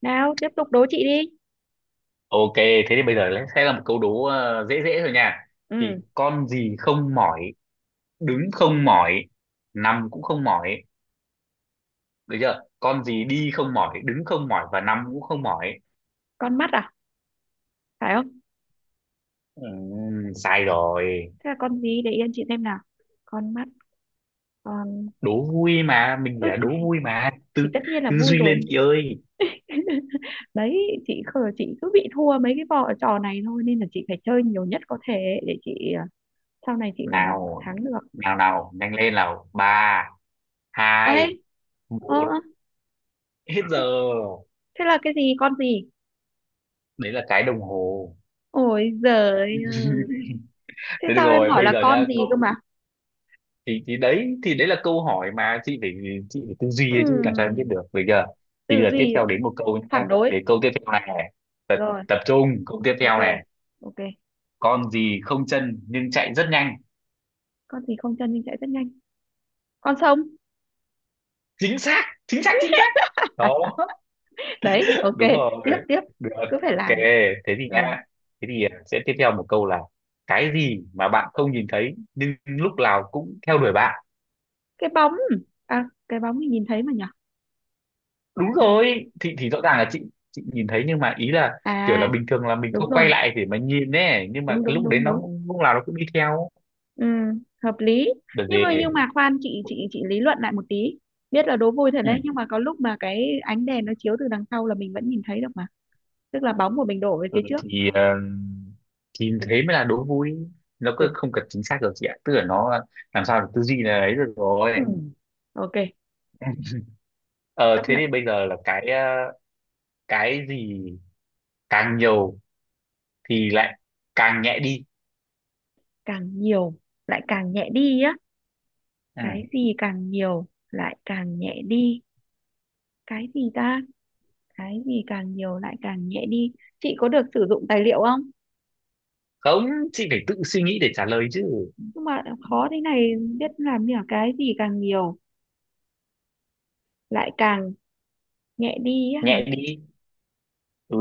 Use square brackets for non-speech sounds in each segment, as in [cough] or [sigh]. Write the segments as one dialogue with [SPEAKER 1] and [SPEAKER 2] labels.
[SPEAKER 1] Nào tiếp tục đố chị đi.
[SPEAKER 2] Ok, thế thì bây giờ sẽ là một câu đố dễ dễ thôi nha. Thì
[SPEAKER 1] Ừ.
[SPEAKER 2] con gì không mỏi, đứng không mỏi, nằm cũng không mỏi, được chưa? Con gì đi không mỏi, đứng không mỏi và nằm cũng không mỏi.
[SPEAKER 1] Con mắt à? Phải không?
[SPEAKER 2] Sai rồi.
[SPEAKER 1] Thế là con gì? Để yên chị xem nào. Con mắt. con
[SPEAKER 2] Đố vui mà, mình chỉ
[SPEAKER 1] ừ,
[SPEAKER 2] là
[SPEAKER 1] thì,
[SPEAKER 2] đố vui mà.
[SPEAKER 1] thì
[SPEAKER 2] Tư
[SPEAKER 1] tất nhiên là
[SPEAKER 2] tư
[SPEAKER 1] vui
[SPEAKER 2] duy
[SPEAKER 1] rồi.
[SPEAKER 2] lên chị ơi.
[SPEAKER 1] [laughs] Đấy. Chị khờ, chị cứ bị thua mấy cái vò trò này thôi nên là chị phải chơi nhiều nhất có thể ấy, để chị à, sau này chị còn làm
[SPEAKER 2] Nào,
[SPEAKER 1] thắng được.
[SPEAKER 2] nào nào, nhanh lên nào. Ba, hai,
[SPEAKER 1] Ấy. ờ
[SPEAKER 2] một,
[SPEAKER 1] ơ,
[SPEAKER 2] hết giờ.
[SPEAKER 1] thế, thế là cái gì, con gì?
[SPEAKER 2] Đấy là cái đồng hồ.
[SPEAKER 1] Ôi giời ơi.
[SPEAKER 2] [laughs]
[SPEAKER 1] Thế
[SPEAKER 2] Thế được
[SPEAKER 1] sao em
[SPEAKER 2] rồi,
[SPEAKER 1] hỏi
[SPEAKER 2] bây
[SPEAKER 1] là
[SPEAKER 2] giờ nhá,
[SPEAKER 1] con gì cơ
[SPEAKER 2] câu
[SPEAKER 1] mà?
[SPEAKER 2] thì thì đấy thì đấy là câu hỏi mà chị phải tư duy ấy chứ, làm sao em biết
[SPEAKER 1] Ừm,
[SPEAKER 2] được bây giờ. Thì bây
[SPEAKER 1] Tư
[SPEAKER 2] giờ tiếp
[SPEAKER 1] duy.
[SPEAKER 2] theo đến một câu nhá,
[SPEAKER 1] Phản đối.
[SPEAKER 2] để câu tiếp theo này này tập,
[SPEAKER 1] Rồi.
[SPEAKER 2] tập trung câu tiếp
[SPEAKER 1] Ok,
[SPEAKER 2] theo này.
[SPEAKER 1] ok.
[SPEAKER 2] Con gì không chân nhưng chạy rất nhanh?
[SPEAKER 1] Con gì không chân nhưng chạy rất nhanh? Con sông.
[SPEAKER 2] Chính xác, chính xác, chính xác. Đó,
[SPEAKER 1] Đấy, ok.
[SPEAKER 2] đúng
[SPEAKER 1] Tiếp,
[SPEAKER 2] rồi,
[SPEAKER 1] tiếp.
[SPEAKER 2] được,
[SPEAKER 1] Cứ phải
[SPEAKER 2] ok.
[SPEAKER 1] làm.
[SPEAKER 2] Thế thì
[SPEAKER 1] Rồi.
[SPEAKER 2] nha, sẽ tiếp theo một câu là: cái gì mà bạn không nhìn thấy nhưng lúc nào cũng theo đuổi bạn?
[SPEAKER 1] Cái bóng. À, cái bóng thì nhìn thấy mà nhở?
[SPEAKER 2] Đúng
[SPEAKER 1] Ừ.
[SPEAKER 2] rồi, thì rõ ràng là chị nhìn thấy, nhưng mà ý là kiểu là
[SPEAKER 1] À.
[SPEAKER 2] bình thường là mình
[SPEAKER 1] Đúng
[SPEAKER 2] không
[SPEAKER 1] rồi.
[SPEAKER 2] quay lại để mà nhìn ấy, nhưng mà
[SPEAKER 1] Đúng
[SPEAKER 2] cái
[SPEAKER 1] đúng
[SPEAKER 2] lúc đấy
[SPEAKER 1] đúng
[SPEAKER 2] nó
[SPEAKER 1] đúng.
[SPEAKER 2] lúc nào nó cũng đi theo.
[SPEAKER 1] Ừ, hợp lý.
[SPEAKER 2] Đợt
[SPEAKER 1] nhưng mà
[SPEAKER 2] về.
[SPEAKER 1] nhưng mà khoan, chị lý luận lại một tí. Biết là đố vui thật
[SPEAKER 2] Ừ.
[SPEAKER 1] đấy, nhưng mà có lúc mà cái ánh đèn nó chiếu từ đằng sau là mình vẫn nhìn thấy được mà. Tức là bóng của mình đổ về
[SPEAKER 2] Ừ,
[SPEAKER 1] phía trước.
[SPEAKER 2] thì
[SPEAKER 1] Cực-
[SPEAKER 2] thế mới là đố vui. Nó cứ
[SPEAKER 1] Cực.
[SPEAKER 2] không cần chính xác được chị ạ, tức là nó làm sao được tư duy là ấy được rồi.
[SPEAKER 1] Ừ. Ok.
[SPEAKER 2] [laughs] Ờ
[SPEAKER 1] Chấp
[SPEAKER 2] thế
[SPEAKER 1] nhận.
[SPEAKER 2] thì bây giờ là cái gì càng nhiều thì lại càng nhẹ đi?
[SPEAKER 1] Càng nhiều lại càng nhẹ đi á?
[SPEAKER 2] Ừ.
[SPEAKER 1] Cái gì càng nhiều lại càng nhẹ đi? Cái gì ta? Cái gì càng nhiều lại càng nhẹ đi? Chị có được sử dụng tài liệu không?
[SPEAKER 2] Không, chị phải tự suy nghĩ để trả lời chứ.
[SPEAKER 1] Nhưng mà khó thế này. Biết làm như là cái gì càng nhiều lại càng nhẹ đi á hả?
[SPEAKER 2] Nhẹ đi. Ừ,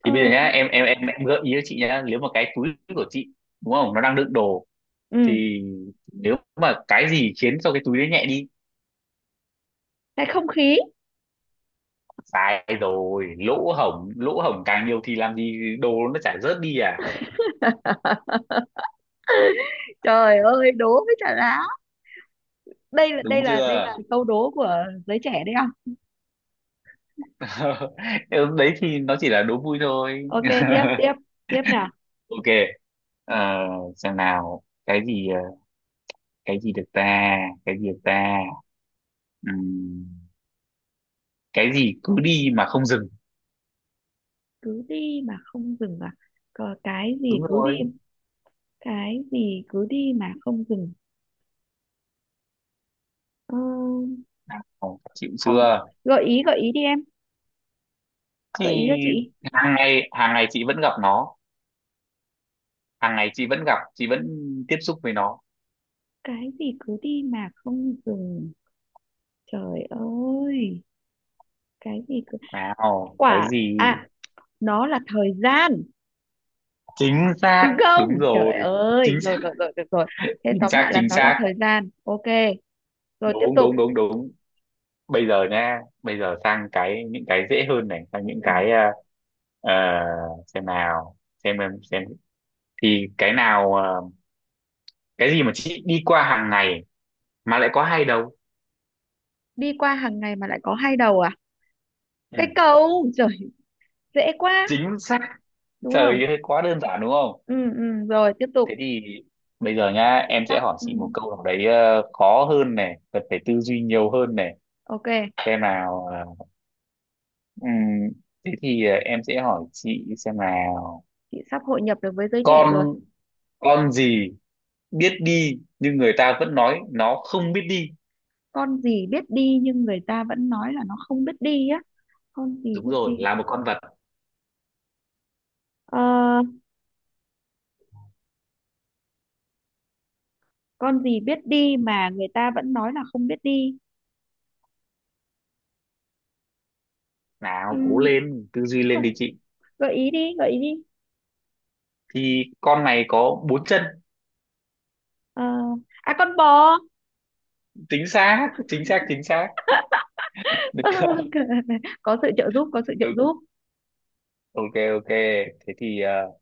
[SPEAKER 1] ờ
[SPEAKER 2] thì bây giờ nhá, em gợi ý cho chị nhá. Nếu mà cái túi của chị, đúng không, nó đang đựng đồ,
[SPEAKER 1] ừ.
[SPEAKER 2] thì nếu mà cái gì khiến cho cái túi đấy nhẹ đi?
[SPEAKER 1] Cái không khí.
[SPEAKER 2] Sai rồi, lỗ hổng, lỗ hổng càng nhiều thì làm gì đồ nó chả rớt đi à.
[SPEAKER 1] [laughs] Trời ơi, đố với trả lá. đây là đây
[SPEAKER 2] Đúng
[SPEAKER 1] là đây
[SPEAKER 2] chưa?
[SPEAKER 1] là câu đố của giới trẻ đấy không?
[SPEAKER 2] [laughs] Em, đấy thì nó chỉ là đố vui thôi. [laughs]
[SPEAKER 1] Ok, tiếp, tiếp. Tiếp nào.
[SPEAKER 2] Ok. Ờ, xem nào, cái gì được ta? Cái gì được ta? Ừm, cái gì cứ đi mà không dừng?
[SPEAKER 1] Cứ đi mà không dừng à? Có cái gì
[SPEAKER 2] Đúng
[SPEAKER 1] cứ đi.
[SPEAKER 2] rồi.
[SPEAKER 1] Cái gì cứ đi mà không dừng? ờ,
[SPEAKER 2] Ồ, chịu
[SPEAKER 1] Không.
[SPEAKER 2] chưa?
[SPEAKER 1] Gợi ý gợi ý đi em. Gợi ý
[SPEAKER 2] Thì
[SPEAKER 1] cho chị.
[SPEAKER 2] hàng ngày, hàng ngày chị vẫn gặp nó, hàng ngày chị vẫn tiếp xúc với nó.
[SPEAKER 1] Cái gì cứ đi mà không dừng? Trời ơi. Cái gì cứ.
[SPEAKER 2] Nào, cái
[SPEAKER 1] Quả
[SPEAKER 2] gì?
[SPEAKER 1] à? Nó là thời gian.
[SPEAKER 2] Chính
[SPEAKER 1] Đúng
[SPEAKER 2] xác,
[SPEAKER 1] không?
[SPEAKER 2] đúng rồi,
[SPEAKER 1] Trời ơi,
[SPEAKER 2] chính
[SPEAKER 1] rồi
[SPEAKER 2] xác,
[SPEAKER 1] rồi rồi, được rồi. Thế
[SPEAKER 2] chính
[SPEAKER 1] tóm
[SPEAKER 2] xác,
[SPEAKER 1] lại là
[SPEAKER 2] chính
[SPEAKER 1] nó là
[SPEAKER 2] xác.
[SPEAKER 1] thời gian, ok. Rồi, tiếp
[SPEAKER 2] Đúng,
[SPEAKER 1] tục.
[SPEAKER 2] đúng, đúng, đúng. Bây giờ nha, bây giờ sang những cái dễ hơn này, sang những
[SPEAKER 1] Ừ.
[SPEAKER 2] ờ, xem nào xem em xem, thì cái nào, cái gì mà chị đi qua hàng ngày mà lại có hai đầu?
[SPEAKER 1] Đi qua hàng ngày mà lại có hai đầu à?
[SPEAKER 2] Ừ.
[SPEAKER 1] Cái cầu trời. Dễ quá.
[SPEAKER 2] Chính xác.
[SPEAKER 1] Đúng không?
[SPEAKER 2] Trời ơi, quá đơn giản đúng không?
[SPEAKER 1] Ừ ừ, rồi tiếp tục.
[SPEAKER 2] Thế thì bây giờ nhá,
[SPEAKER 1] Chị
[SPEAKER 2] em
[SPEAKER 1] sắp
[SPEAKER 2] sẽ hỏi chị một câu nào đấy khó hơn này, cần phải tư duy nhiều hơn này.
[SPEAKER 1] ok.
[SPEAKER 2] Xem nào ờ, ừm, thế thì ờ, em sẽ hỏi chị, xem nào:
[SPEAKER 1] Chị sắp hội nhập được với giới trẻ rồi.
[SPEAKER 2] con con gì biết đi nhưng người ta vẫn nói nó không biết đi?
[SPEAKER 1] Con gì biết đi nhưng người ta vẫn nói là nó không biết đi á? Con gì
[SPEAKER 2] Đúng
[SPEAKER 1] biết đi?
[SPEAKER 2] rồi, là một con vật.
[SPEAKER 1] Ờ, con gì biết đi mà người ta vẫn nói là không biết đi?
[SPEAKER 2] Nào cố
[SPEAKER 1] Ừm,
[SPEAKER 2] lên, tư duy lên đi
[SPEAKER 1] Không.
[SPEAKER 2] chị.
[SPEAKER 1] Gợi ý đi gợi ý đi.
[SPEAKER 2] Thì con này có bốn chân.
[SPEAKER 1] Ờ, con bò.
[SPEAKER 2] Chính xác, chính xác, chính xác. [laughs] Được.
[SPEAKER 1] [laughs] Có sự trợ giúp, có sự trợ
[SPEAKER 2] Ừ,
[SPEAKER 1] giúp.
[SPEAKER 2] ok, ok. thế thì ờ,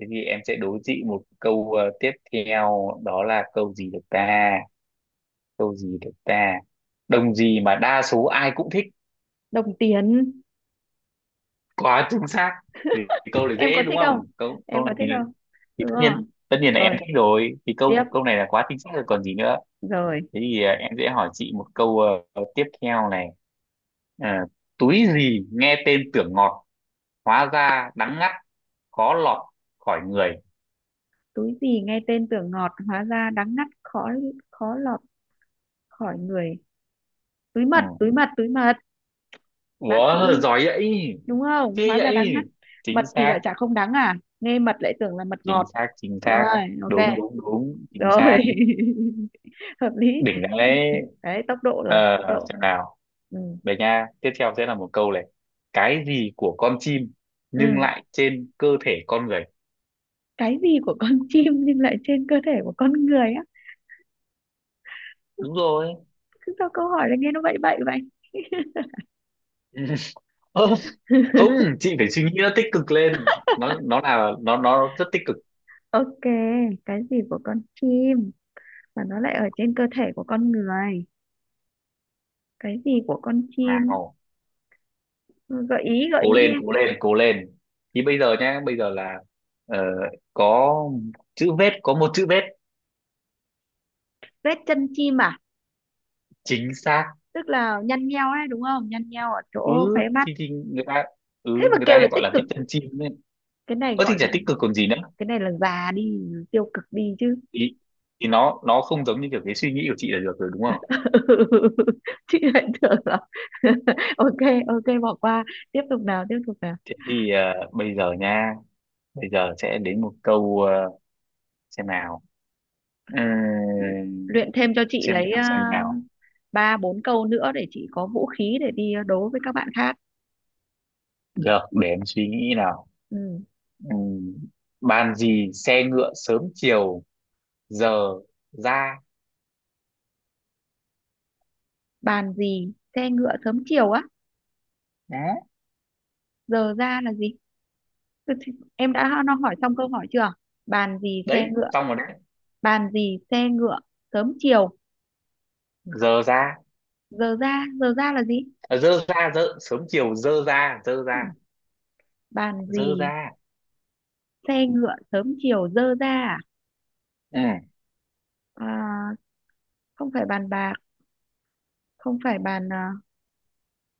[SPEAKER 2] Thế thì em sẽ đố chị một câu tiếp theo, đó là câu gì được ta? Câu gì được ta? Đồng gì mà đa số ai cũng thích?
[SPEAKER 1] Đồng tiền.
[SPEAKER 2] Quá chính xác. Thì câu này
[SPEAKER 1] Em
[SPEAKER 2] dễ
[SPEAKER 1] có
[SPEAKER 2] đúng
[SPEAKER 1] thích không,
[SPEAKER 2] không? Câu câu
[SPEAKER 1] em có
[SPEAKER 2] này
[SPEAKER 1] thích
[SPEAKER 2] thì,
[SPEAKER 1] không?
[SPEAKER 2] thì
[SPEAKER 1] Đúng rồi.
[SPEAKER 2] tất nhiên là em
[SPEAKER 1] Rồi,
[SPEAKER 2] thích rồi. Thì câu
[SPEAKER 1] tiếp.
[SPEAKER 2] câu này là quá chính xác rồi còn gì nữa.
[SPEAKER 1] Rồi.
[SPEAKER 2] Thế thì em sẽ hỏi chị một câu tiếp theo này. À, túi gì nghe tên tưởng ngọt, hóa ra đắng ngắt, khó lọt khỏi người?
[SPEAKER 1] Túi gì nghe tên tưởng ngọt, hóa ra đắng ngắt, khó khó lọt khỏi người? Túi
[SPEAKER 2] Ừ.
[SPEAKER 1] mật, túi mật, túi mật. Bác
[SPEAKER 2] Wow,
[SPEAKER 1] sĩ.
[SPEAKER 2] giỏi vậy.
[SPEAKER 1] Đúng không?
[SPEAKER 2] Thế
[SPEAKER 1] Hóa ra đắng
[SPEAKER 2] vậy.
[SPEAKER 1] ngắt. Mật
[SPEAKER 2] Chính
[SPEAKER 1] thì
[SPEAKER 2] xác,
[SPEAKER 1] lại chả không đắng à? Nghe mật lại tưởng là mật
[SPEAKER 2] chính
[SPEAKER 1] ngọt.
[SPEAKER 2] xác, chính
[SPEAKER 1] Đúng
[SPEAKER 2] xác,
[SPEAKER 1] rồi,
[SPEAKER 2] đúng,
[SPEAKER 1] ok.
[SPEAKER 2] đúng, đúng, chính
[SPEAKER 1] Rồi.
[SPEAKER 2] xác,
[SPEAKER 1] [laughs] Hợp lý.
[SPEAKER 2] đỉnh, đáng lẽ.
[SPEAKER 1] Đấy, tốc độ rồi,
[SPEAKER 2] ờ,
[SPEAKER 1] tốc độ.
[SPEAKER 2] xem nào.
[SPEAKER 1] Ừ.
[SPEAKER 2] Về nha, tiếp theo sẽ là một câu này: cái gì của con chim nhưng
[SPEAKER 1] Ừ.
[SPEAKER 2] lại trên cơ thể con người?
[SPEAKER 1] Cái gì của con [laughs] chim nhưng lại trên cơ thể của con người á?
[SPEAKER 2] Đúng rồi.
[SPEAKER 1] Cứ sao câu hỏi là nghe nó bậy bậy vậy.
[SPEAKER 2] [laughs] Ơ, không,
[SPEAKER 1] [laughs]
[SPEAKER 2] chị phải suy nghĩ nó tích cực lên. Nó là, nó rất tích cực.
[SPEAKER 1] Ok. Cái gì của con chim mà nó lại ở trên cơ thể của con người? Cái gì của con chim?
[SPEAKER 2] Nào,
[SPEAKER 1] Ừ, gợi
[SPEAKER 2] cố
[SPEAKER 1] ý đi
[SPEAKER 2] lên,
[SPEAKER 1] em.
[SPEAKER 2] cố lên, cố lên. Thì bây giờ nhá, bây giờ là ờ, có có một chữ vết.
[SPEAKER 1] Vết chân chim à?
[SPEAKER 2] Chính xác.
[SPEAKER 1] Tức là nhăn nheo đấy, đúng không? Nhăn nheo ở chỗ khóe
[SPEAKER 2] Ừ,
[SPEAKER 1] mắt.
[SPEAKER 2] thì người ta, ừ,
[SPEAKER 1] Thế mà
[SPEAKER 2] người ta
[SPEAKER 1] kêu
[SPEAKER 2] hay
[SPEAKER 1] là
[SPEAKER 2] gọi
[SPEAKER 1] tích
[SPEAKER 2] là
[SPEAKER 1] cực.
[SPEAKER 2] thích chân chim đấy.
[SPEAKER 1] Cái này
[SPEAKER 2] Ơ thì
[SPEAKER 1] gọi là.
[SPEAKER 2] chả tích cực còn gì nữa.
[SPEAKER 1] Cái này là già đi, tiêu cực đi chứ.
[SPEAKER 2] Thì thì nó không giống như kiểu cái suy nghĩ của chị là, được rồi đúng không?
[SPEAKER 1] [laughs] Chị lại tưởng là. [laughs] Ok. Ok, bỏ qua. Tiếp tục nào, tiếp tục nào.
[SPEAKER 2] Thế thì bây giờ nha, bây giờ sẽ đến một câu, xem nào. Ừm,
[SPEAKER 1] Luyện thêm cho chị
[SPEAKER 2] xem
[SPEAKER 1] lấy
[SPEAKER 2] nào, xem nào,
[SPEAKER 1] ba bốn câu nữa để chị có vũ khí để đi đấu với các bạn khác.
[SPEAKER 2] được, để em suy nghĩ nào.
[SPEAKER 1] Ừ.
[SPEAKER 2] Ừm, bàn gì xe ngựa, sớm chiều giờ ra?
[SPEAKER 1] Bàn gì xe ngựa sớm chiều á?
[SPEAKER 2] Đấy.
[SPEAKER 1] Giờ ra là gì? Ừ, thì em đã nó hỏi xong câu hỏi chưa? Bàn gì xe
[SPEAKER 2] Đấy
[SPEAKER 1] ngựa.
[SPEAKER 2] xong rồi đấy.
[SPEAKER 1] Bàn gì xe ngựa sớm chiều
[SPEAKER 2] Giờ ra.
[SPEAKER 1] giờ ra. Giờ ra là gì?
[SPEAKER 2] À, dơ ra, dơ sớm chiều, dơ ra, dơ
[SPEAKER 1] Ừ.
[SPEAKER 2] ra,
[SPEAKER 1] Bàn
[SPEAKER 2] dơ
[SPEAKER 1] gì
[SPEAKER 2] ra.
[SPEAKER 1] xe ngựa sớm chiều giờ ra à?
[SPEAKER 2] Ừ.
[SPEAKER 1] À, không phải bàn bạc. Không phải bàn à,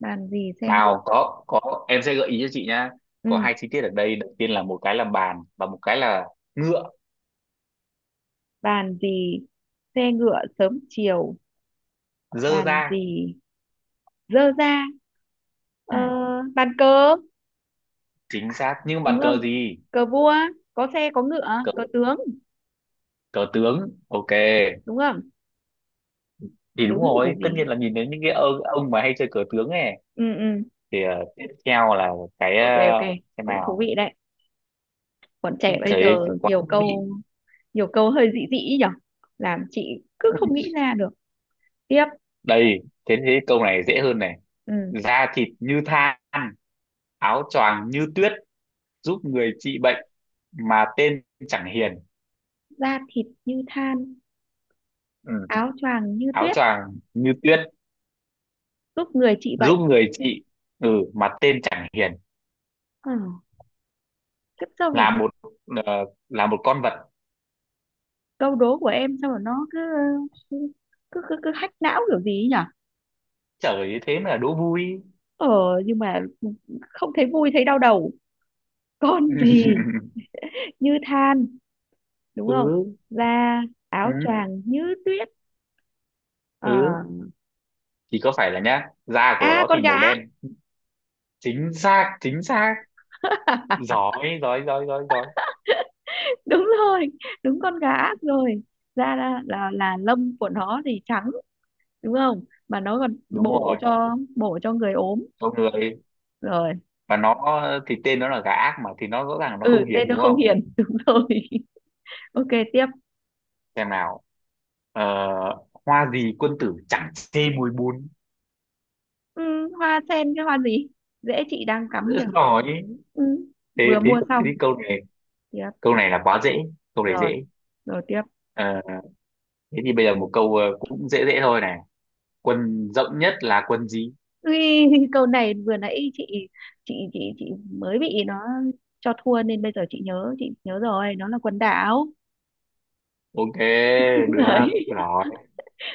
[SPEAKER 1] bàn gì xe ngựa.
[SPEAKER 2] Nào, có em sẽ gợi ý cho chị nhá. Có
[SPEAKER 1] Ừ,
[SPEAKER 2] hai chi tiết ở đây: đầu tiên là một cái là bàn và một cái là ngựa.
[SPEAKER 1] bàn gì xe ngựa sớm chiều.
[SPEAKER 2] Dơ
[SPEAKER 1] Bàn
[SPEAKER 2] ra.
[SPEAKER 1] gì dơ ra.
[SPEAKER 2] Ừ,
[SPEAKER 1] ờ, Bàn cờ.
[SPEAKER 2] chính xác, nhưng
[SPEAKER 1] Đúng
[SPEAKER 2] bàn
[SPEAKER 1] không?
[SPEAKER 2] cờ gì?
[SPEAKER 1] Cờ vua có xe có ngựa.
[SPEAKER 2] Cờ
[SPEAKER 1] Cờ tướng.
[SPEAKER 2] cờ tướng ok.
[SPEAKER 1] Đúng không?
[SPEAKER 2] Thì đúng
[SPEAKER 1] Đúng rồi
[SPEAKER 2] rồi, tất
[SPEAKER 1] gì.
[SPEAKER 2] nhiên là nhìn đến những cái ông mà hay chơi cờ tướng ấy.
[SPEAKER 1] Ừ ừ.
[SPEAKER 2] Thì tiếp theo là cái
[SPEAKER 1] Ok ok.
[SPEAKER 2] cái
[SPEAKER 1] Cũng thú
[SPEAKER 2] nào,
[SPEAKER 1] vị đấy. Bọn trẻ bây
[SPEAKER 2] cái,
[SPEAKER 1] giờ
[SPEAKER 2] cái quán
[SPEAKER 1] nhiều
[SPEAKER 2] vị.
[SPEAKER 1] câu, hơi dị dị ý nhở. Làm chị cứ không nghĩ ra được. Tiếp.
[SPEAKER 2] Đây, thế thế câu này dễ hơn này:
[SPEAKER 1] Ừ.
[SPEAKER 2] da thịt như than, áo choàng như tuyết, giúp người trị bệnh, mà tên chẳng hiền.
[SPEAKER 1] Da thịt như than,
[SPEAKER 2] Ừ,
[SPEAKER 1] áo choàng như
[SPEAKER 2] áo
[SPEAKER 1] tuyết,
[SPEAKER 2] choàng như tuyết.
[SPEAKER 1] giúp người trị
[SPEAKER 2] Giúp
[SPEAKER 1] bệnh.
[SPEAKER 2] người chị. Ừ. Mà tên chẳng hiền.
[SPEAKER 1] Ừ. Kiếp sau.
[SPEAKER 2] Là một, ờ, là một con vật.
[SPEAKER 1] Câu đố của em sao mà nó cứ cứ hack não kiểu gì ấy nhỉ?
[SPEAKER 2] Trời ơi, thế mà đố vui.
[SPEAKER 1] ờ nhưng mà không thấy vui, thấy đau đầu. Con [laughs] gì
[SPEAKER 2] [laughs]
[SPEAKER 1] như than, đúng không?
[SPEAKER 2] Ừ,
[SPEAKER 1] Da. Áo
[SPEAKER 2] ừ,
[SPEAKER 1] choàng như tuyết.
[SPEAKER 2] ừ,
[SPEAKER 1] ờ
[SPEAKER 2] thì có phải là nhá, da của
[SPEAKER 1] À,
[SPEAKER 2] nó
[SPEAKER 1] con
[SPEAKER 2] thì màu
[SPEAKER 1] gà.
[SPEAKER 2] đen. Chính xác, chính xác,
[SPEAKER 1] [laughs]
[SPEAKER 2] giỏi, giỏi, giỏi, giỏi, giỏi.
[SPEAKER 1] Đúng rồi. Đúng con gà rồi. Da là lông của nó thì trắng. Đúng không? Mà nó còn
[SPEAKER 2] Đúng
[SPEAKER 1] bổ
[SPEAKER 2] rồi,
[SPEAKER 1] cho bổ cho người ốm.
[SPEAKER 2] con người.
[SPEAKER 1] Rồi.
[SPEAKER 2] Và nó, thì tên nó là gà ác mà, thì nó rõ ràng là nó không
[SPEAKER 1] Ừ, tên
[SPEAKER 2] hiền
[SPEAKER 1] nó
[SPEAKER 2] đúng
[SPEAKER 1] không
[SPEAKER 2] không?
[SPEAKER 1] hiền. [laughs] Đúng rồi. Ok, tiếp.
[SPEAKER 2] Xem nào. Ờ, hoa gì quân tử chẳng chê mùi bùn?
[SPEAKER 1] Ừ, hoa sen. Cái hoa gì? Dễ, chị đang cắm
[SPEAKER 2] Rất
[SPEAKER 1] kìa.
[SPEAKER 2] giỏi.
[SPEAKER 1] Ừ,
[SPEAKER 2] thế
[SPEAKER 1] vừa
[SPEAKER 2] thế
[SPEAKER 1] mua xong.
[SPEAKER 2] thế thì câu này
[SPEAKER 1] Tiếp.
[SPEAKER 2] câu này là quá dễ. Câu này dễ.
[SPEAKER 1] Rồi, rồi, tiếp.
[SPEAKER 2] Ờ, thế thì bây giờ một câu cũng dễ dễ thôi này: quân rộng nhất là quân gì?
[SPEAKER 1] Ui, [laughs] câu này vừa nãy chị mới bị nó cho thua nên bây giờ chị nhớ rồi, nó là quần đảo.
[SPEAKER 2] Ok,
[SPEAKER 1] [laughs]
[SPEAKER 2] được
[SPEAKER 1] Đấy.
[SPEAKER 2] rồi.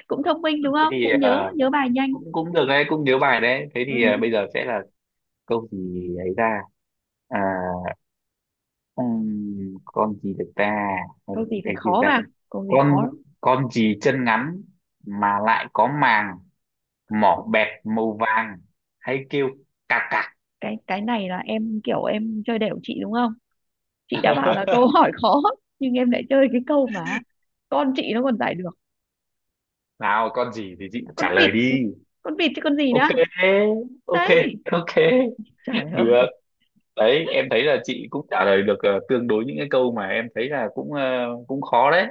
[SPEAKER 1] Cũng thông minh, đúng
[SPEAKER 2] Thế
[SPEAKER 1] không?
[SPEAKER 2] thì
[SPEAKER 1] Cũng nhớ nhớ bài nhanh.
[SPEAKER 2] cũng cũng được đấy, cũng nhớ bài đấy. Thế thì
[SPEAKER 1] Ừ.
[SPEAKER 2] bây giờ sẽ là câu gì ấy ra, à, con gì được ta? Hay là
[SPEAKER 1] Câu gì
[SPEAKER 2] cái
[SPEAKER 1] phải
[SPEAKER 2] gì được
[SPEAKER 1] khó
[SPEAKER 2] ta?
[SPEAKER 1] vào. Câu gì
[SPEAKER 2] con
[SPEAKER 1] khó.
[SPEAKER 2] con gì chân ngắn mà lại có màng, mỏ bẹt màu vàng, hay kêu cạc cạc?
[SPEAKER 1] Cái này là em kiểu em chơi đểu chị đúng không? Chị đã bảo là câu hỏi
[SPEAKER 2] [laughs]
[SPEAKER 1] khó. Nhưng em lại chơi cái câu mà con chị nó còn giải được.
[SPEAKER 2] Nào, con gì thì chị
[SPEAKER 1] Con
[SPEAKER 2] trả
[SPEAKER 1] vịt.
[SPEAKER 2] lời đi.
[SPEAKER 1] Con vịt chứ con gì nữa.
[SPEAKER 2] Ok, ok,
[SPEAKER 1] Đấy.
[SPEAKER 2] ok,
[SPEAKER 1] Trời, trời
[SPEAKER 2] được.
[SPEAKER 1] ơi.
[SPEAKER 2] Đấy em thấy là chị cũng trả lời được tương đối những cái câu mà em thấy là cũng cũng khó đấy.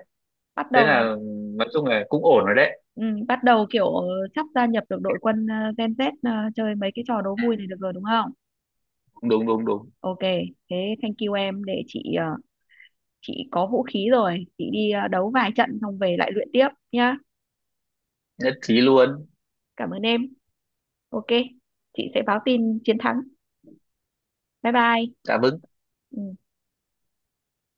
[SPEAKER 1] Bắt
[SPEAKER 2] Thế
[SPEAKER 1] đầu là.
[SPEAKER 2] là, nói chung là cũng ổn rồi đấy.
[SPEAKER 1] Ừ, bắt đầu kiểu sắp gia nhập được đội quân Gen Z chơi mấy cái trò đố vui này được rồi đúng không?
[SPEAKER 2] Đúng, đúng, đúng.
[SPEAKER 1] Ok. Thế thank you em, để chị chị có vũ khí rồi, chị đi đấu vài trận xong về lại luyện tiếp nhá.
[SPEAKER 2] Nhất trí luôn.
[SPEAKER 1] Cảm ơn em. Ok. Chị sẽ báo tin chiến thắng. Bye bye.
[SPEAKER 2] Cảm ơn.
[SPEAKER 1] Ừ.